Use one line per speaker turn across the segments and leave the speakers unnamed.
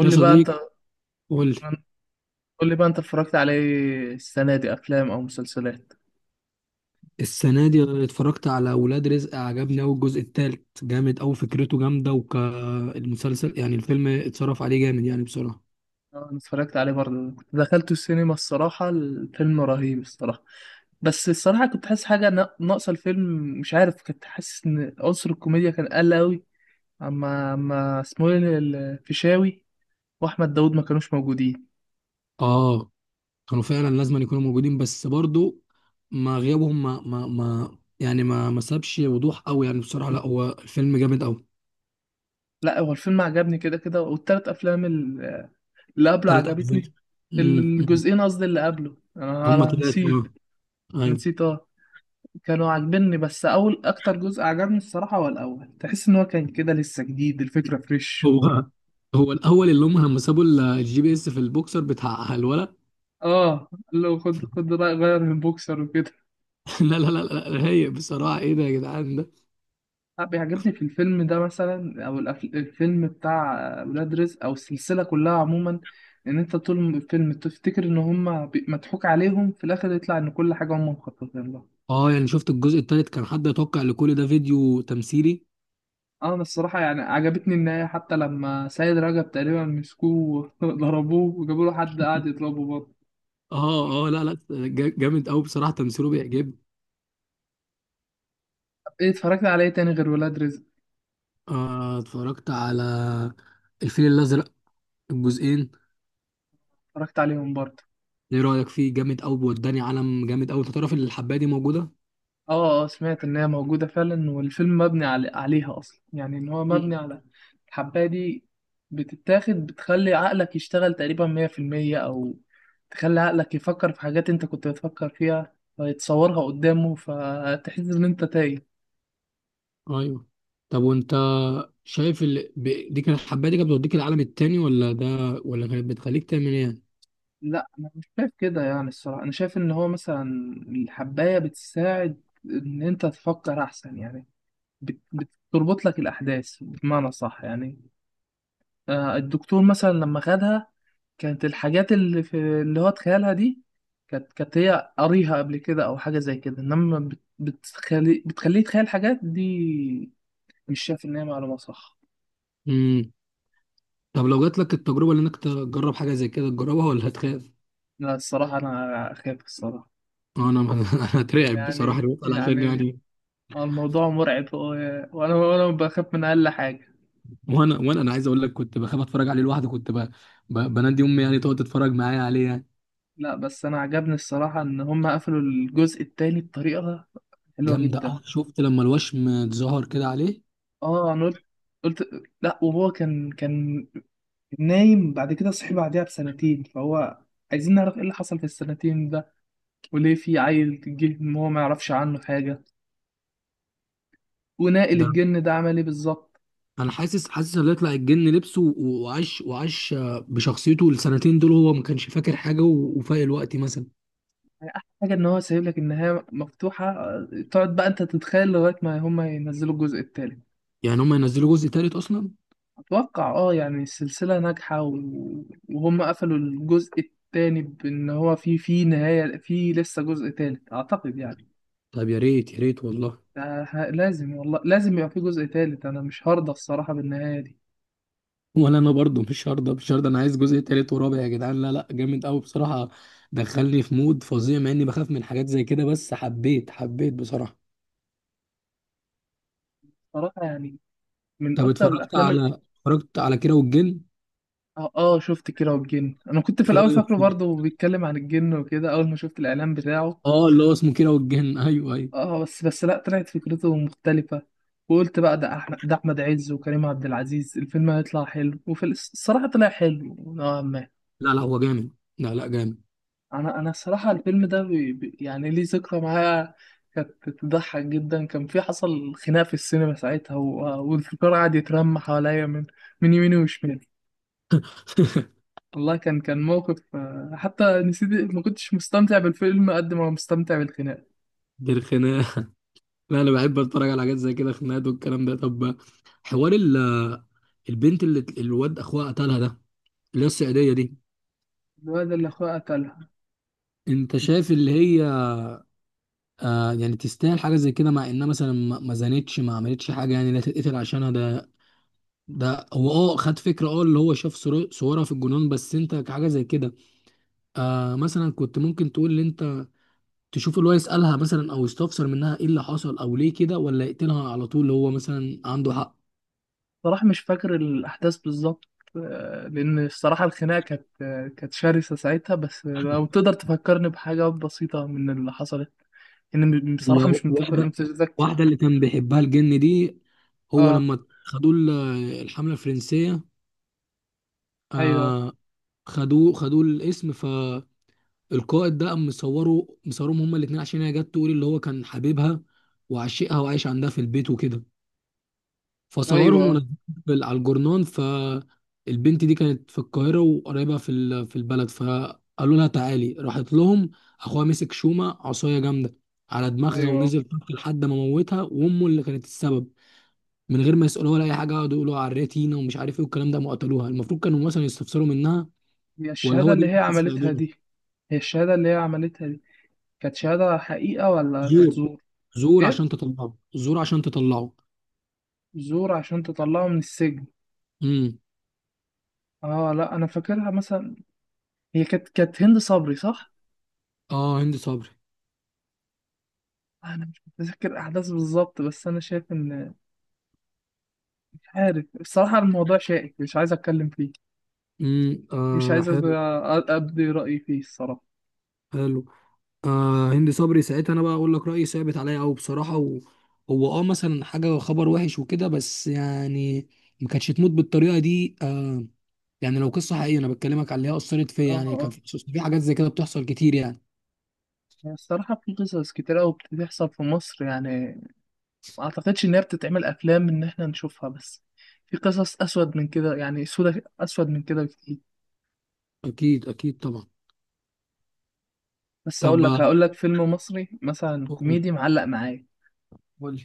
يا
لي بقى انت
صديقي، قول لي.
قول لي بقى انت اتفرجت عليه السنة دي افلام او مسلسلات؟
السنة دي اتفرجت على ولاد رزق، عجبني أوي. الجزء التالت جامد أوي، فكرته جامدة وكالمسلسل يعني. الفيلم اتصرف عليه جامد يعني بسرعة.
اه، انا اتفرجت عليه برضه، كنت دخلته السينما. الصراحة الفيلم رهيب الصراحة. بس الصراحة كنت حاسس حاجة ناقصة الفيلم. مش عارف، كنت حاسس ان عنصر الكوميديا كان قل قوي. اما اسمه ايه الفيشاوي واحمد داود ما كانوش موجودين.
آه، كانوا فعلا لازم أن يكونوا موجودين، بس برضو ما غيابهم ما سابش وضوح أوي يعني. بصراحة لا، هو الفيلم جامد أوي.
لا، هو الفيلم عجبني كده كده، والتلات افلام اللي قبله
تلات أجزاء.
عجبتني.
أمم، أمم.
الجزئين قصدي اللي قبله، انا
هما
أنا
تلاتة
نسيت.
آه.
أنا
أيوة.
نسيت، اه. كانوا عاجبني، بس اول اكتر جزء عجبني الصراحه هو الاول، تحس ان هو كان كده لسه جديد، الفكره فريش.
هو هو الأول اللي هم لما سابوا الجي بي إس في البوكسر بتاع الولد.
اه، لو خد رأي غير من بوكسر وكده.
لا، رايق بصراحة. ايه ده يا جدعان ده؟
لا، بيعجبني في الفيلم ده مثلا او الفيلم بتاع ولاد رزق او السلسله كلها عموما، ان انت طول الفيلم تفتكر ان هما مضحوك عليهم، في الاخر يطلع ان كل حاجه هما مخططين لها.
اه يعني، شفت الجزء التالت؟ كان حد يتوقع ان كل ده فيديو تمثيلي؟
اه، انا الصراحه يعني عجبتني النهايه، حتى لما سيد رجب تقريبا مسكوه وضربوه وجابوا له حد قاعد يضربه برضه.
اه اه، لا لا، جامد قوي بصراحة، تمثيله بيعجبني.
ايه اتفرجت على ايه تاني غير ولاد رزق؟
آه، اتفرجت على الفيل الأزرق، الجزئين.
اتفرجت عليهم برضه.
ايه رأيك فيه؟ جامد قوي، وداني عالم جامد قوي. انت تعرف ان الحباية دي موجودة؟
اه، اه، سمعت ان هي موجودة فعلا والفيلم مبني عليها اصلا، يعني ان هو
مم.
مبني على الحباية دي. بتتاخد بتخلي عقلك يشتغل تقريبا مية في المية، او تخلي عقلك يفكر في حاجات انت كنت بتفكر فيها فيتصورها قدامه، فتحس ان انت تايه.
ايوه. طب وانت شايف دي كانت الحباية دي كانت بتوديك العالم التاني، ولا ده ولا كانت بتخليك تعمل ايه؟ يعني؟
لا، انا مش شايف كده يعني. الصراحة انا شايف ان هو مثلا الحباية بتساعد ان انت تفكر احسن يعني، بتربط لك الاحداث بمعنى صح يعني. آه، الدكتور مثلا لما خدها، كانت الحاجات اللي هو اتخيلها دي، كانت هي قاريها قبل كده او حاجه زي كده، انما بتخليه يتخيل حاجات دي. مش شايف ان هي معلومه صح.
مم. طب لو جات لك التجربة، اللي انك تجرب حاجة زي كده، تجربها ولا هتخاف؟
لا، الصراحه انا اخاف، الصراحه
انا انا اترعب بصراحه
يعني
لما بسأل، عشان
يعني
يعني
الموضوع مرعب وانا بخاف من اقل حاجه.
وانا وانا انا عايز اقول لك، كنت بخاف اتفرج عليه لوحدي، كنت بنادي امي يعني تقعد تتفرج معايا عليه يعني.
لا، بس انا عجبني الصراحه ان هم قفلوا الجزء التاني بطريقه حلوه
جامده
جدا.
اه. شفت لما الوشم اتظهر كده عليه؟
اه، انا قلت لا، وهو كان نايم، بعد كده صحي بعدها بسنتين، فهو عايزين نعرف ايه اللي حصل في السنتين ده، وليه في عيل جه ما هو ما يعرفش عنه حاجة، وناقل
ده
الجن ده عمل ايه بالظبط.
انا حاسس ان يطلع الجن لبسه وعاش آه، بشخصيته السنتين دول، هو ما كانش فاكر حاجه و... وفايق الوقت مثلا.
يعني احلى حاجة ان هو سايب لك النهاية مفتوحة، آه، تقعد بقى انت تتخيل لغاية ما هما ينزلوا الجزء التالت.
يعني هم ينزلوا جزء تالت اصلا؟
اتوقع اه يعني السلسلة ناجحة، وهم قفلوا الجزء التاني بان هو في نهاية، في لسه جزء تالت اعتقد يعني.
طب يا ريت يا ريت والله.
ده لازم، والله لازم يبقى في جزء تالت، انا مش هرضى الصراحة بالنهاية دي.
ولا انا برضو مش هرضى، مش هرضى. انا عايز جزء تالت ورابع يا جدعان، لا لا جامد قوي بصراحه. دخلني في مود فظيع مع اني بخاف من حاجات زي كده، بس حبيت حبيت بصراحه.
صراحة يعني، من
طب
اكتر الافلام
اتفرجت على كيرة والجن؟
اه، آه، شفت كيرة والجن. انا كنت في
ايه
الاول
رايك
فاكره
فيه؟
برضه بيتكلم عن الجن وكده، اول ما شفت الاعلان بتاعه.
اه اللي هو اسمه كيرة والجن. ايوه ايوه،
اه، بس لا، طلعت فكرته مختلفة. وقلت بقى ده احمد عز وكريم عبد العزيز الفيلم هيطلع حلو، وفي الصراحة طلع حلو نوعا ما.
لا لا هو جامد، لا لا جامد.
انا الصراحة الفيلم ده يعني ليه ذكرى معايا. كانت تضحك جدا، كان في حصل خناق في السينما ساعتها. والفكرة قعد يترمى حواليا من يمين وشمال. والله كان موقف، آه، حتى نسيت. ما كنتش مستمتع بالفيلم قد ما مستمتع بالخناقة.
دي الخناقه. لا انا بحب اتفرج على حاجات زي كده، خناقات والكلام ده. طب، حوار البنت اللي الواد اخوها قتلها ده، اللي هي الصعيديه دي،
الواد اللي أخوه قتلها.
انت شايف اللي هي آه يعني، تستاهل حاجه زي كده؟ مع انها مثلا ما زنتش، ما عملتش حاجه يعني لا تتقتل عشانها. ده ده هو اه خد فكره، اه اللي هو شاف صورها في الجنون، بس انت كحاجه زي كده، آه مثلا كنت ممكن تقول ان انت تشوف اللي هو يسالها مثلا، او يستفسر منها ايه اللي حصل او ليه كده، ولا يقتلها على طول اللي هو مثلا عنده حق.
صراحة مش فاكر الأحداث بالظبط. آه، لأن الصراحة الخناقة كانت شرسة ساعتها، بس لو تقدر تفكرني بحاجة بسيطة من اللي حصلت. إن
هي
بصراحة مش
واحده
متذكر.
واحده اللي كان بيحبها الجن دي، هو
آه،
لما خدوه الحمله الفرنسيه،
أيوه،
آه. خدوه الاسم، ف القائد ده قام مصوره، مصورهم هما الاتنين، عشان هي جت تقول اللي هو كان حبيبها وعشقها وعايش عندها في البيت وكده، فصورهم
أيوه،
ونزلهم في على الجورنان. فالبنت دي كانت في القاهرة وقريبة في البلد، فقالوا لها تعالي، راحت لهم. اخوها مسك شومة، عصاية جامدة على دماغها
أيوه.
ونزل طق لحد ما موتها، وامه اللي كانت السبب. من غير ما يسألوها ولا اي حاجة، قعدوا يقولوا عريتينا ومش عارف ايه والكلام ده. ما قتلوها، المفروض كانوا مثلا يستفسروا منها.
هي
ولا
الشهادة
هو دي
اللي
اللي
هي
كانت
عملتها
بتساعدهم؟
دي هي الشهادة اللي هي عملتها دي كانت شهادة حقيقة ولا كانت
زور.
زور؟
زور
إيه؟
عشان تطلعه، زور عشان تطلعه.
زور عشان تطلعه من السجن.
امم.
اه، لا، انا فاكرها مثلا. هي كانت هند صبري، صح؟
اه هند صبري.
آه، انا مش متذكر احداث بالظبط، بس انا شايف ان، مش عارف الصراحه، الموضوع شائك، مش عايز اتكلم فيه.
امم،
مش
آه
عايز
حلو.
ابدي رايي فيه الصراحه.
حلو. آه هند صبري ساعتها، انا بقى اقول لك رايي ثابت عليا قوي بصراحه و... هو اه مثلا حاجه، خبر وحش وكده، بس يعني ما كانتش تموت بالطريقه دي آه. يعني لو قصه حقيقيه، انا بكلمك على اللي هي اثرت فيا
اه،
يعني. كان
اه،
في حاجات زي كده بتحصل كتير يعني.
يعني الصراحه في قصص كتير قوي بتحصل في مصر يعني. ما اعتقدش ان هي بتتعمل افلام ان احنا نشوفها، بس في قصص اسود من كده يعني اسود من كده كتير.
اكيد اكيد طبعا.
بس اقول
طب آه،
لك هقول لك فيلم مصري مثلا
قول.
كوميدي معلق معايا.
قول.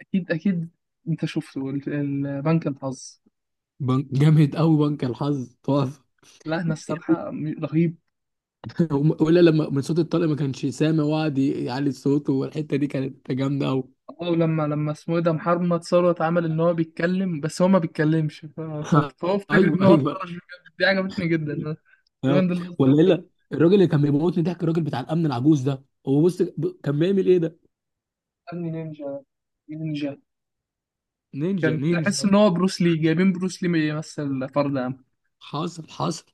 اكيد، اكيد. انت شفته البنك الحظ؟
بنك جامد قوي، بنك الحظ تقف.
لا، احنا الصراحة رهيب.
ولا لما من صوت الطلق ما كانش سامع وقعد يعلي صوته، والحته دي كانت جامده قوي.
اه، ولما اسمه ايه ده محمد ثروت عمل ان هو بيتكلم بس هو ما بيتكلمش، فهو افتكر
ايوه
ان هو
ايوه.
اتطرش بجد. دي عجبتني جدا انا. تقريبا
أيوة.
ده اللي قصدي
ولا
عليه.
الراجل اللي كان بيموتني ضحك، الراجل بتاع الامن العجوز ده، هو بص كان بيعمل ايه ده؟
ابني نينجا، نينجا.
نينجا
كان تحس
نينجا.
ان هو بروس لي، جايبين بروس لي يمثل فرد عام.
حاصل حاصل.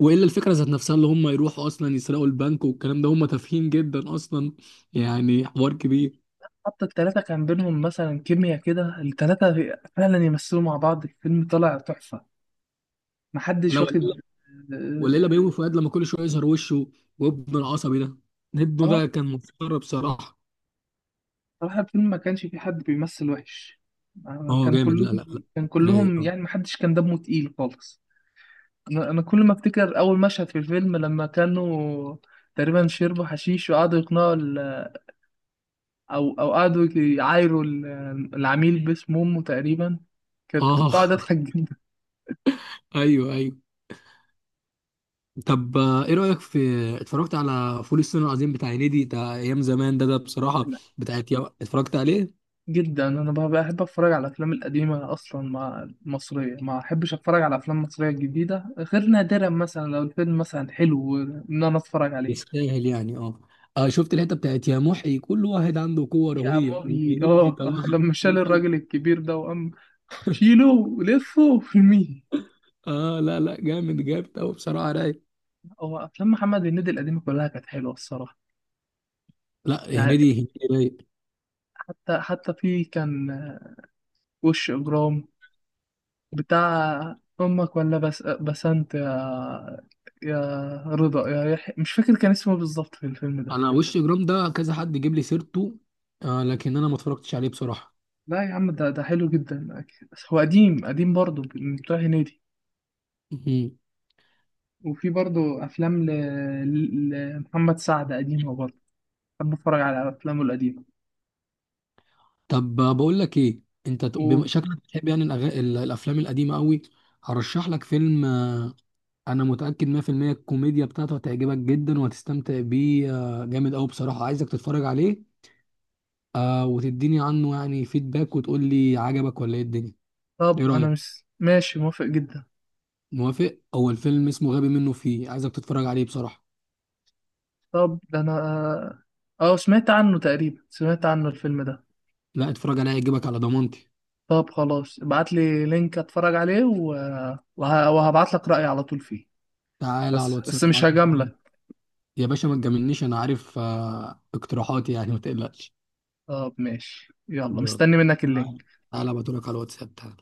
والا الفكره ذات نفسها، اللي هم يروحوا اصلا يسرقوا البنك والكلام ده، هم تافهين جدا اصلا يعني، حوار كبير.
حتى التلاتة كان بينهم مثلا كيميا كده، التلاتة فعلا يمثلوا مع بعض، الفيلم طلع تحفة. محدش
لا ولا
واخد.
إلا- ولا الا بيومي فؤاد لما كل شويه يظهر وشه وابنه العصبي ده. ابنه
اه،
ده كان مسخره بصراحه.
صراحة الفيلم ما كانش فيه حد بيمثل وحش. آه،
اه
كان
جامد،
كلهم،
لا لا.
كان كلهم
لا
يعني، ما حدش كان دمه تقيل خالص. أنا كل ما أفتكر أول مشهد في الفيلم، لما كانوا تقريبا شربوا حشيش، وقعدوا يقنعوا أو قعدوا يعايروا العميل باسم أمه تقريبا. كنت
اه.
قاعد أضحك جدا.
ايوه ايوه. طب آه، ايه رايك في اتفرجت على فول الصين العظيم بتاع هنيدي بتاع ايام زمان ده؟ ده بصراحه بتاعت يا... اتفرجت عليه؟
جدا، أنا بحب أتفرج على الأفلام القديمة أصلا. مع المصرية، ما أحبش أتفرج على أفلام مصرية جديدة غير نادرا مثلا لو الفيلم مثلا حلو إن أنا أتفرج عليه.
يستاهل يعني اه. آه، شفت الحته بتاعت يا محي؟ كل واحد عنده قوه
يا
رهيبه
ماهي،
المنيب
اه، اه،
بيطلعها،
لما شال
بيطلع.
الراجل الكبير ده وقام شيله لفه في المية.
اه لا لا، جامد، جامد قوي بصراحه رايق.
هو افلام محمد هنيدي القديمه كلها كانت حلوه الصراحه،
لا
يعني،
هنيدي، هنيدي رايق.
حتى في كان، آه، وش اجرام بتاع امك، ولا بسنت، يا يا رضا، يا يحيى، مش فاكر كان اسمه إيه بالظبط في الفيلم ده.
انا وش جرام ده كذا حد جيب لي سيرته، آه، لكن انا ما اتفرجتش عليه بصراحه.
لا يا عم، ده حلو جدا أكيد. بس هو قديم قديم برضه من بتوع هنيدي. وفي برضه افلام ل- لمحمد سعد قديمه برضه. بحب اتفرج على افلامه القديمه.
طب بقول لك ايه، انت
قول.
شكلك بتحب يعني الافلام القديمه قوي. هرشح لك فيلم آه، انا متاكد 100% الكوميديا بتاعته هتعجبك جدا وهتستمتع بيه. آه، جامد قوي بصراحه، عايزك تتفرج عليه. آه، وتديني عنه يعني فيدباك وتقول لي عجبك ولا ايه الدنيا. ايه
طب انا
رايك؟
مش ماشي موافق جدا.
موافق. هو الفيلم اسمه غبي منه فيه، عايزك تتفرج عليه بصراحه.
طب ده انا، اه، سمعت عنه الفيلم ده.
لا اتفرج عليه، هيعجبك على ضمانتي.
طب خلاص ابعت لي لينك اتفرج عليه، وهبعت لك رأيي على طول فيه.
تعالى على
بس
الواتساب
بس مش
ابعت لك.
هجاملك.
يا باشا ما تجاملنيش، انا عارف آه، اقتراحاتي يعني، ما تقلقش.
طب ماشي، يلا،
يلا،
مستني منك
تعالى
اللينك.
تعالى، بقولك على الواتساب، تعالى.